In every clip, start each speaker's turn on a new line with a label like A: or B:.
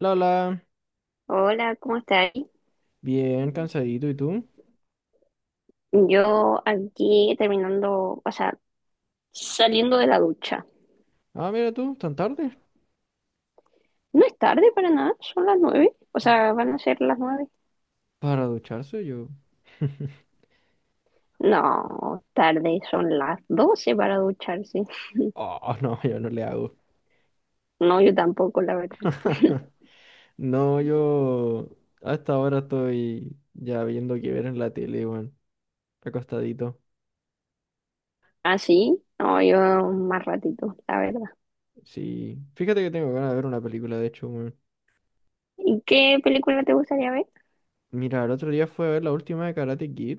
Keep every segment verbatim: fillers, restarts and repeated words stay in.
A: La,
B: Hola, ¿cómo estás?
A: bien cansadito, ¿y tú?
B: Yo aquí terminando, o sea, saliendo de la ducha.
A: Ah, mira tú, tan tarde.
B: No es tarde para nada, son las nueve. O sea, van a ser las nueve.
A: Para ducharse yo.
B: No, tarde, son las doce para ducharse.
A: Oh, no, yo no le hago.
B: No, yo tampoco, la verdad.
A: No, yo hasta ahora estoy ya viendo que ver en la tele, weón. Acostadito.
B: ¿Ah, sí? No, yo más ratito, la verdad.
A: Sí. Fíjate que tengo ganas de ver una película, de hecho, weón.
B: ¿Y qué película te gustaría ver?
A: Mira, el otro día fue a ver la última de Karate Kid.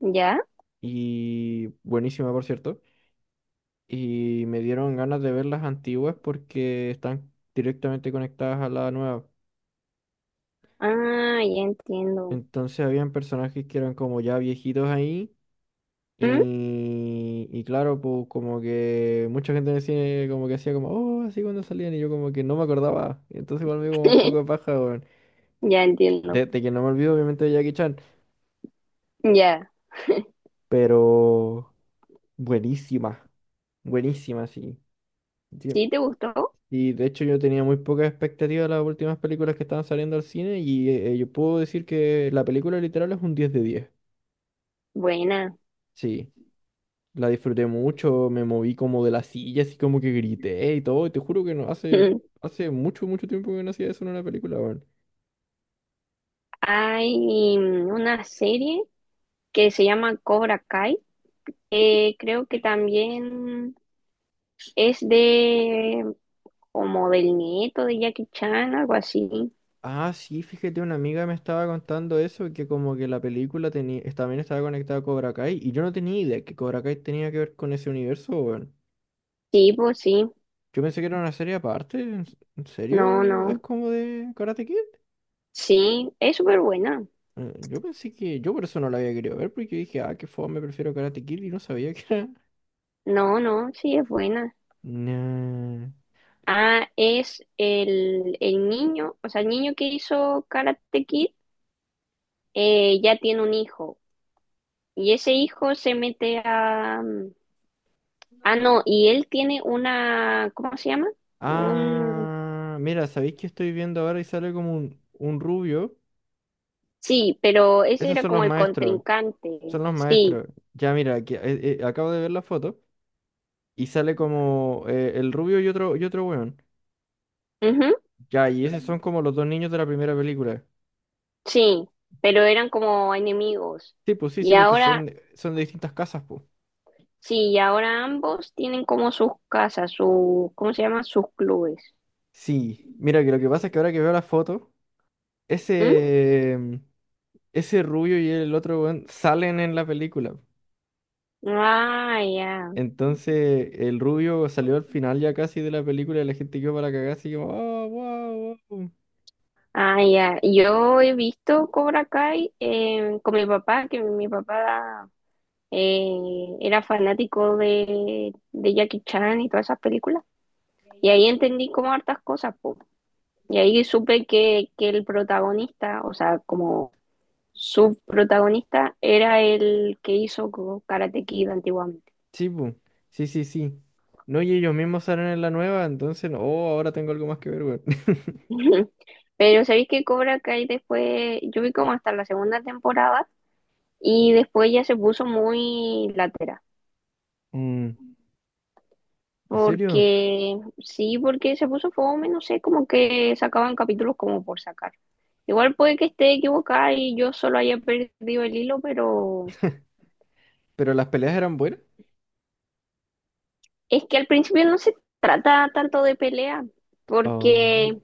B: ¿Ya?
A: Y buenísima, por cierto. Y me dieron ganas de ver las antiguas porque están directamente conectadas a la nueva.
B: Ah, ya entiendo.
A: Entonces habían personajes que eran como ya viejitos ahí.
B: ¿Mm?
A: Y, y claro, pues como que mucha gente en el cine como que hacía como, oh, así cuando salían y yo como que no me acordaba. Entonces igual me dio como un poco de paja, weón.
B: Ya entiendo.
A: Desde que no me olvido obviamente de Jackie Chan,
B: Ya.
A: pero buenísima, buenísima, sí. Sí,
B: ¿Sí te gustó?
A: y de hecho yo tenía muy poca expectativa de las últimas películas que estaban saliendo al cine y eh, yo puedo decir que la película literal es un diez de diez.
B: Buena.
A: Sí. La disfruté mucho, me moví como de la silla, así como que grité y todo. Y te juro que no, hace, hace mucho, mucho tiempo que no hacía eso en una película, weón.
B: Hay una serie que se llama Cobra Kai. Eh, creo que también es de como del nieto de Jackie Chan, algo así.
A: Ah, sí, fíjate, una amiga me estaba contando eso, que como que la película tenía, es- también estaba conectada a Cobra Kai, y yo no tenía idea que Cobra Kai tenía que ver con ese universo, weón.
B: Sí, pues sí.
A: Yo pensé que era una serie aparte, ¿en, s- en
B: No,
A: serio? ¿Es
B: no.
A: como de Karate Kid?
B: Sí, es súper buena.
A: Eh, Yo pensé que, yo por eso no la había querido ver, porque dije, ah, qué fome, prefiero Karate Kid, y no sabía que era...
B: No, no, sí es buena.
A: Nah.
B: Ah, es el, el niño, o sea, el niño que hizo Karate Kid eh, ya tiene un hijo. Y ese hijo se mete a... Ah, no, y él tiene una, ¿cómo se llama? Un,
A: Ah, mira, ¿sabéis que estoy viendo ahora y sale como un, un rubio?
B: Sí, pero ese
A: Esos
B: era
A: son los
B: como el
A: maestros,
B: contrincante.
A: son los
B: Sí,
A: maestros. Ya, mira, aquí, eh, eh, acabo de ver la foto y sale como eh, el rubio y otro, y otro weón.
B: ujú,
A: Ya, y esos son como los dos niños de la primera película.
B: sí, pero eran como enemigos.
A: Sí, pues sí, sí,
B: Y
A: porque son,
B: ahora,
A: de- son de distintas casas, pues.
B: sí, y ahora ambos tienen como sus casas, su, ¿cómo se llama? Sus clubes.
A: Sí, mira, que lo que pasa es que ahora que veo la foto,
B: ¿Mm?
A: ese, ese rubio y el otro weón salen en la película.
B: Ah, ya,
A: Entonces el rubio salió al final ya casi de la película y la gente quedó para cagar así como, oh, wow, wow.
B: ah, ya. Yo he visto Cobra Kai eh, con mi papá, que mi papá eh, era fanático de, de Jackie Chan y todas esas películas. Y ahí entendí como hartas cosas, po. Y ahí supe que, que el protagonista, o sea, como subprotagonista, era el que hizo co- Karate Kid antiguamente.
A: Sí, pu, Sí, sí, sí. No, y ellos mismos salen en la nueva, entonces, no, oh, ahora tengo algo más que ver, weón.
B: Pero sabéis que Cobra Kai después, yo vi como hasta la segunda temporada y después ya se puso muy latera.
A: Mm, ¿En serio?
B: Porque, sí, porque se puso fome, no sé, como que sacaban capítulos como por sacar. Igual puede que esté equivocada y yo solo haya perdido el hilo, pero
A: ¿Pero las peleas eran buenas?
B: es que al principio no se trata tanto de pelea,
A: Oh,
B: porque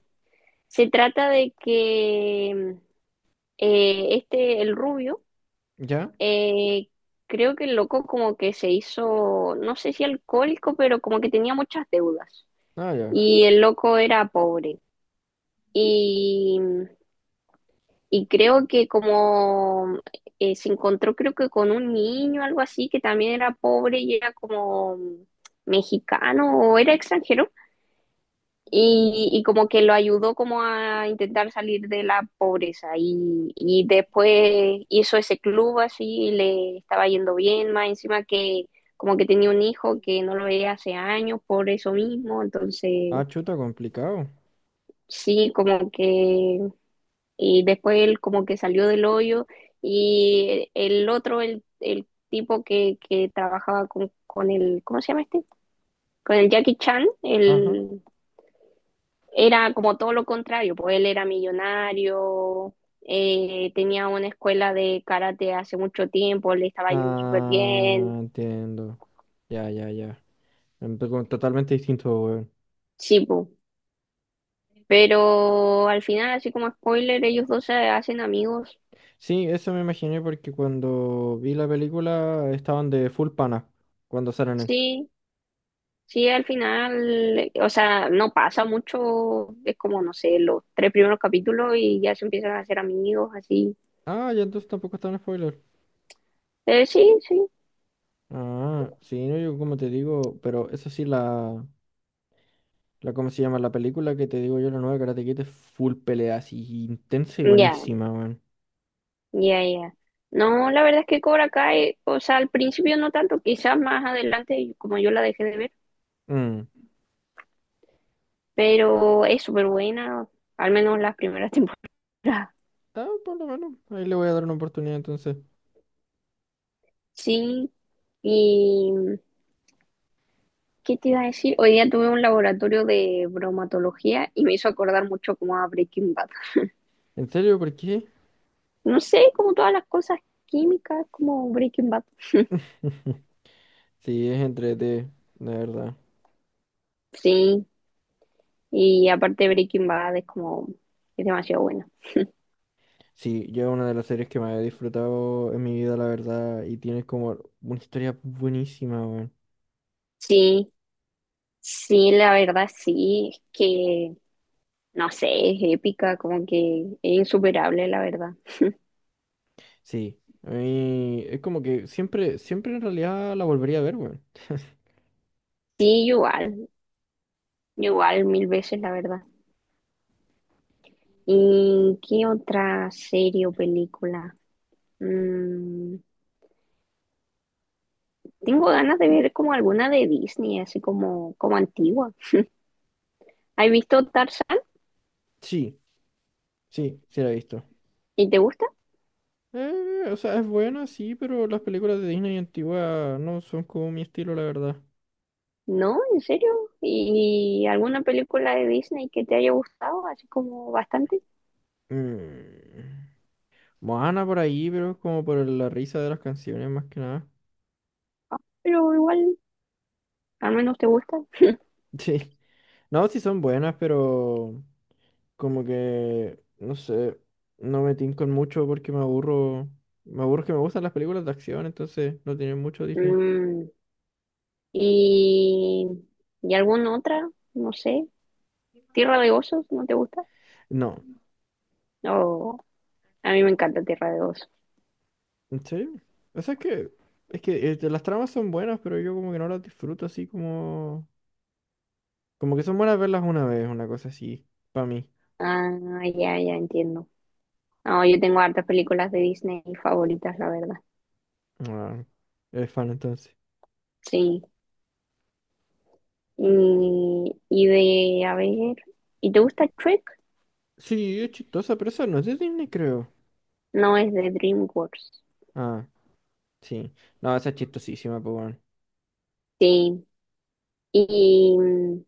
B: se trata de que eh, este, el rubio,
A: ¿ya?
B: eh, creo que el loco como que se hizo, no sé si alcohólico, pero como que tenía muchas deudas.
A: Ah, ya.
B: Y el loco era pobre. Y, y creo que como eh, se encontró, creo que con un niño, algo así, que también era pobre y era como mexicano o era extranjero. y, y como que lo ayudó como a intentar salir de la pobreza y, y después hizo ese club así y le estaba yendo bien, más encima que como que tenía un hijo que no lo veía hace años por eso mismo,
A: Ah,
B: entonces
A: chuta, complicado.
B: sí, como que y después él como que salió del hoyo y el otro, el, el tipo que, que trabajaba con, con el, ¿cómo se llama este? Con el Jackie Chan,
A: Ajá.
B: el, era como todo lo contrario, pues él era millonario, eh, tenía una escuela de karate hace mucho tiempo, le estaba yendo súper
A: Ah,
B: bien,
A: entiendo. Ya, ya, ya. Em, to- Totalmente distinto, weón.
B: sí, pues. Pero al final, así como spoiler, ellos dos se hacen amigos,
A: Sí, eso me imaginé porque cuando vi la película estaban de full pana cuando salen él.
B: sí, sí, al final, o sea, no pasa mucho, es como, no sé, los tres primeros capítulos y ya se empiezan a hacer amigos, así.
A: Ah, ya entonces tampoco está en spoiler.
B: Eh, sí, sí,
A: Ah, sí, no, yo como te digo, pero eso sí, la, la, ¿cómo se llama? La película que te digo yo, la nueva Karate Kid es full pelea, así intensa y
B: ya,
A: buenísima, weón.
B: ya, ya. No, la verdad es que Cobra Kai, o sea, al principio no tanto, quizás más adelante, como yo la dejé de ver,
A: Mm.
B: pero es súper buena, al menos las primeras temporadas.
A: Ah, por lo menos, ahí le voy a dar una oportunidad entonces.
B: Sí, y ¿qué te iba a decir? Hoy día tuve un laboratorio de bromatología y me hizo acordar mucho como a Breaking Bad.
A: ¿En serio? ¿Por qué?
B: No sé, como todas las cosas químicas, como Breaking Bad.
A: Sí, es entrete, de verdad.
B: Sí, y aparte Breaking Bad es como, es demasiado buena.
A: Sí, yo es una de las series que más he disfrutado en mi vida, la verdad, y tiene como una historia buenísima, weón.
B: Sí, sí, la verdad sí, es que no sé, es épica, como que es insuperable, la verdad.
A: Sí, a mí es como que siempre, siempre en realidad la volvería a ver, weón.
B: Sí, igual, igual mil veces, la verdad. ¿Y qué otra serie o película? Mm, tengo ganas de ver como alguna de Disney, así como, como antigua. ¿Has visto Tarzán?
A: Sí, sí, sí la he visto.
B: ¿Y te gusta?
A: Eh, o sea, es buena, sí, pero las películas de Disney antiguas no son como mi estilo, la verdad.
B: No, ¿en serio? ¿Y alguna película de Disney que te haya gustado, así como bastante?
A: Mm. Moana por ahí, pero es como por la risa de las canciones más que nada.
B: Ah, pero igual, al menos te gusta.
A: Sí. No, sí son buenas, pero... Como que, no sé, no me tincan mucho porque me aburro. Me aburro que me gustan las películas de acción, entonces no tienen mucho Disney.
B: Mm, ¿y, y alguna otra? No sé. ¿Tierra de osos? ¿No te gusta?
A: No,
B: No, a mí me encanta Tierra de osos.
A: ¿en serio? O sea, es que, es que este, las tramas son buenas, pero yo como que no las disfruto así como... Como que son buenas verlas una vez, una cosa así, para mí.
B: Ah, ya, ya entiendo. No, yo tengo hartas películas de Disney favoritas, la verdad.
A: Ah, eres fan entonces.
B: Sí. Y, y de, a ver, ¿y te gusta Shrek?
A: Sí, es chistosa, pero esa no es de Disney, creo.
B: No, es de DreamWorks.
A: Ah, sí. No, esa es chistosísima, pues bueno.
B: Sí. Y, mm,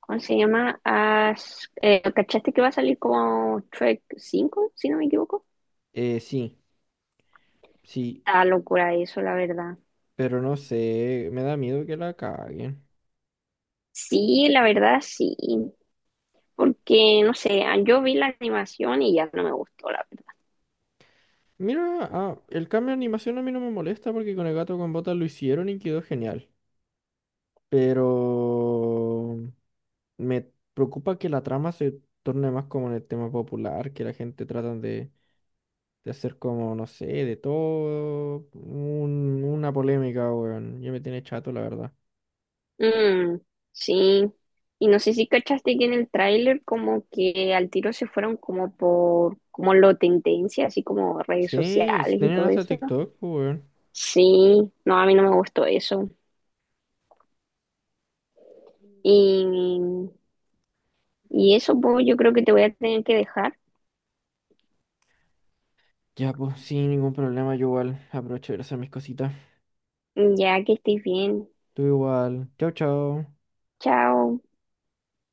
B: ¿cómo se llama? Has- eh, ¿cachaste que va a salir como Shrek cinco? ¿Si no me equivoco?
A: Eh, sí, sí,
B: Ah, locura eso, la verdad.
A: pero no sé, me da miedo que la caguen.
B: Sí, la verdad, sí. Porque, no sé, ah, yo vi la animación y ya no me gustó, la verdad.
A: Mira, ah, el cambio de animación a mí no me molesta porque con el gato con botas lo hicieron y quedó genial. Pero me preocupa que la trama se torne más como en el tema popular, que la gente tratan de, de, hacer como, no sé, de todo un- una polémica, weón. Ya me tiene chato, la verdad.
B: Mm, sí. Y no sé si cachaste que en el tráiler como que al tiro se fueron como por, como lo tendencia, así como redes
A: Sí, si
B: sociales y
A: tenían
B: todo
A: hasta
B: eso.
A: TikTok, pues, weón.
B: Sí, no, a mí no me gustó eso. Y, y eso, pues, yo creo que te voy a tener que dejar,
A: Ya, pues, sin ningún problema, yo igual aprovecho de hacer mis cositas.
B: ya que estés bien.
A: Tú igual. Chao, chao.
B: Chao.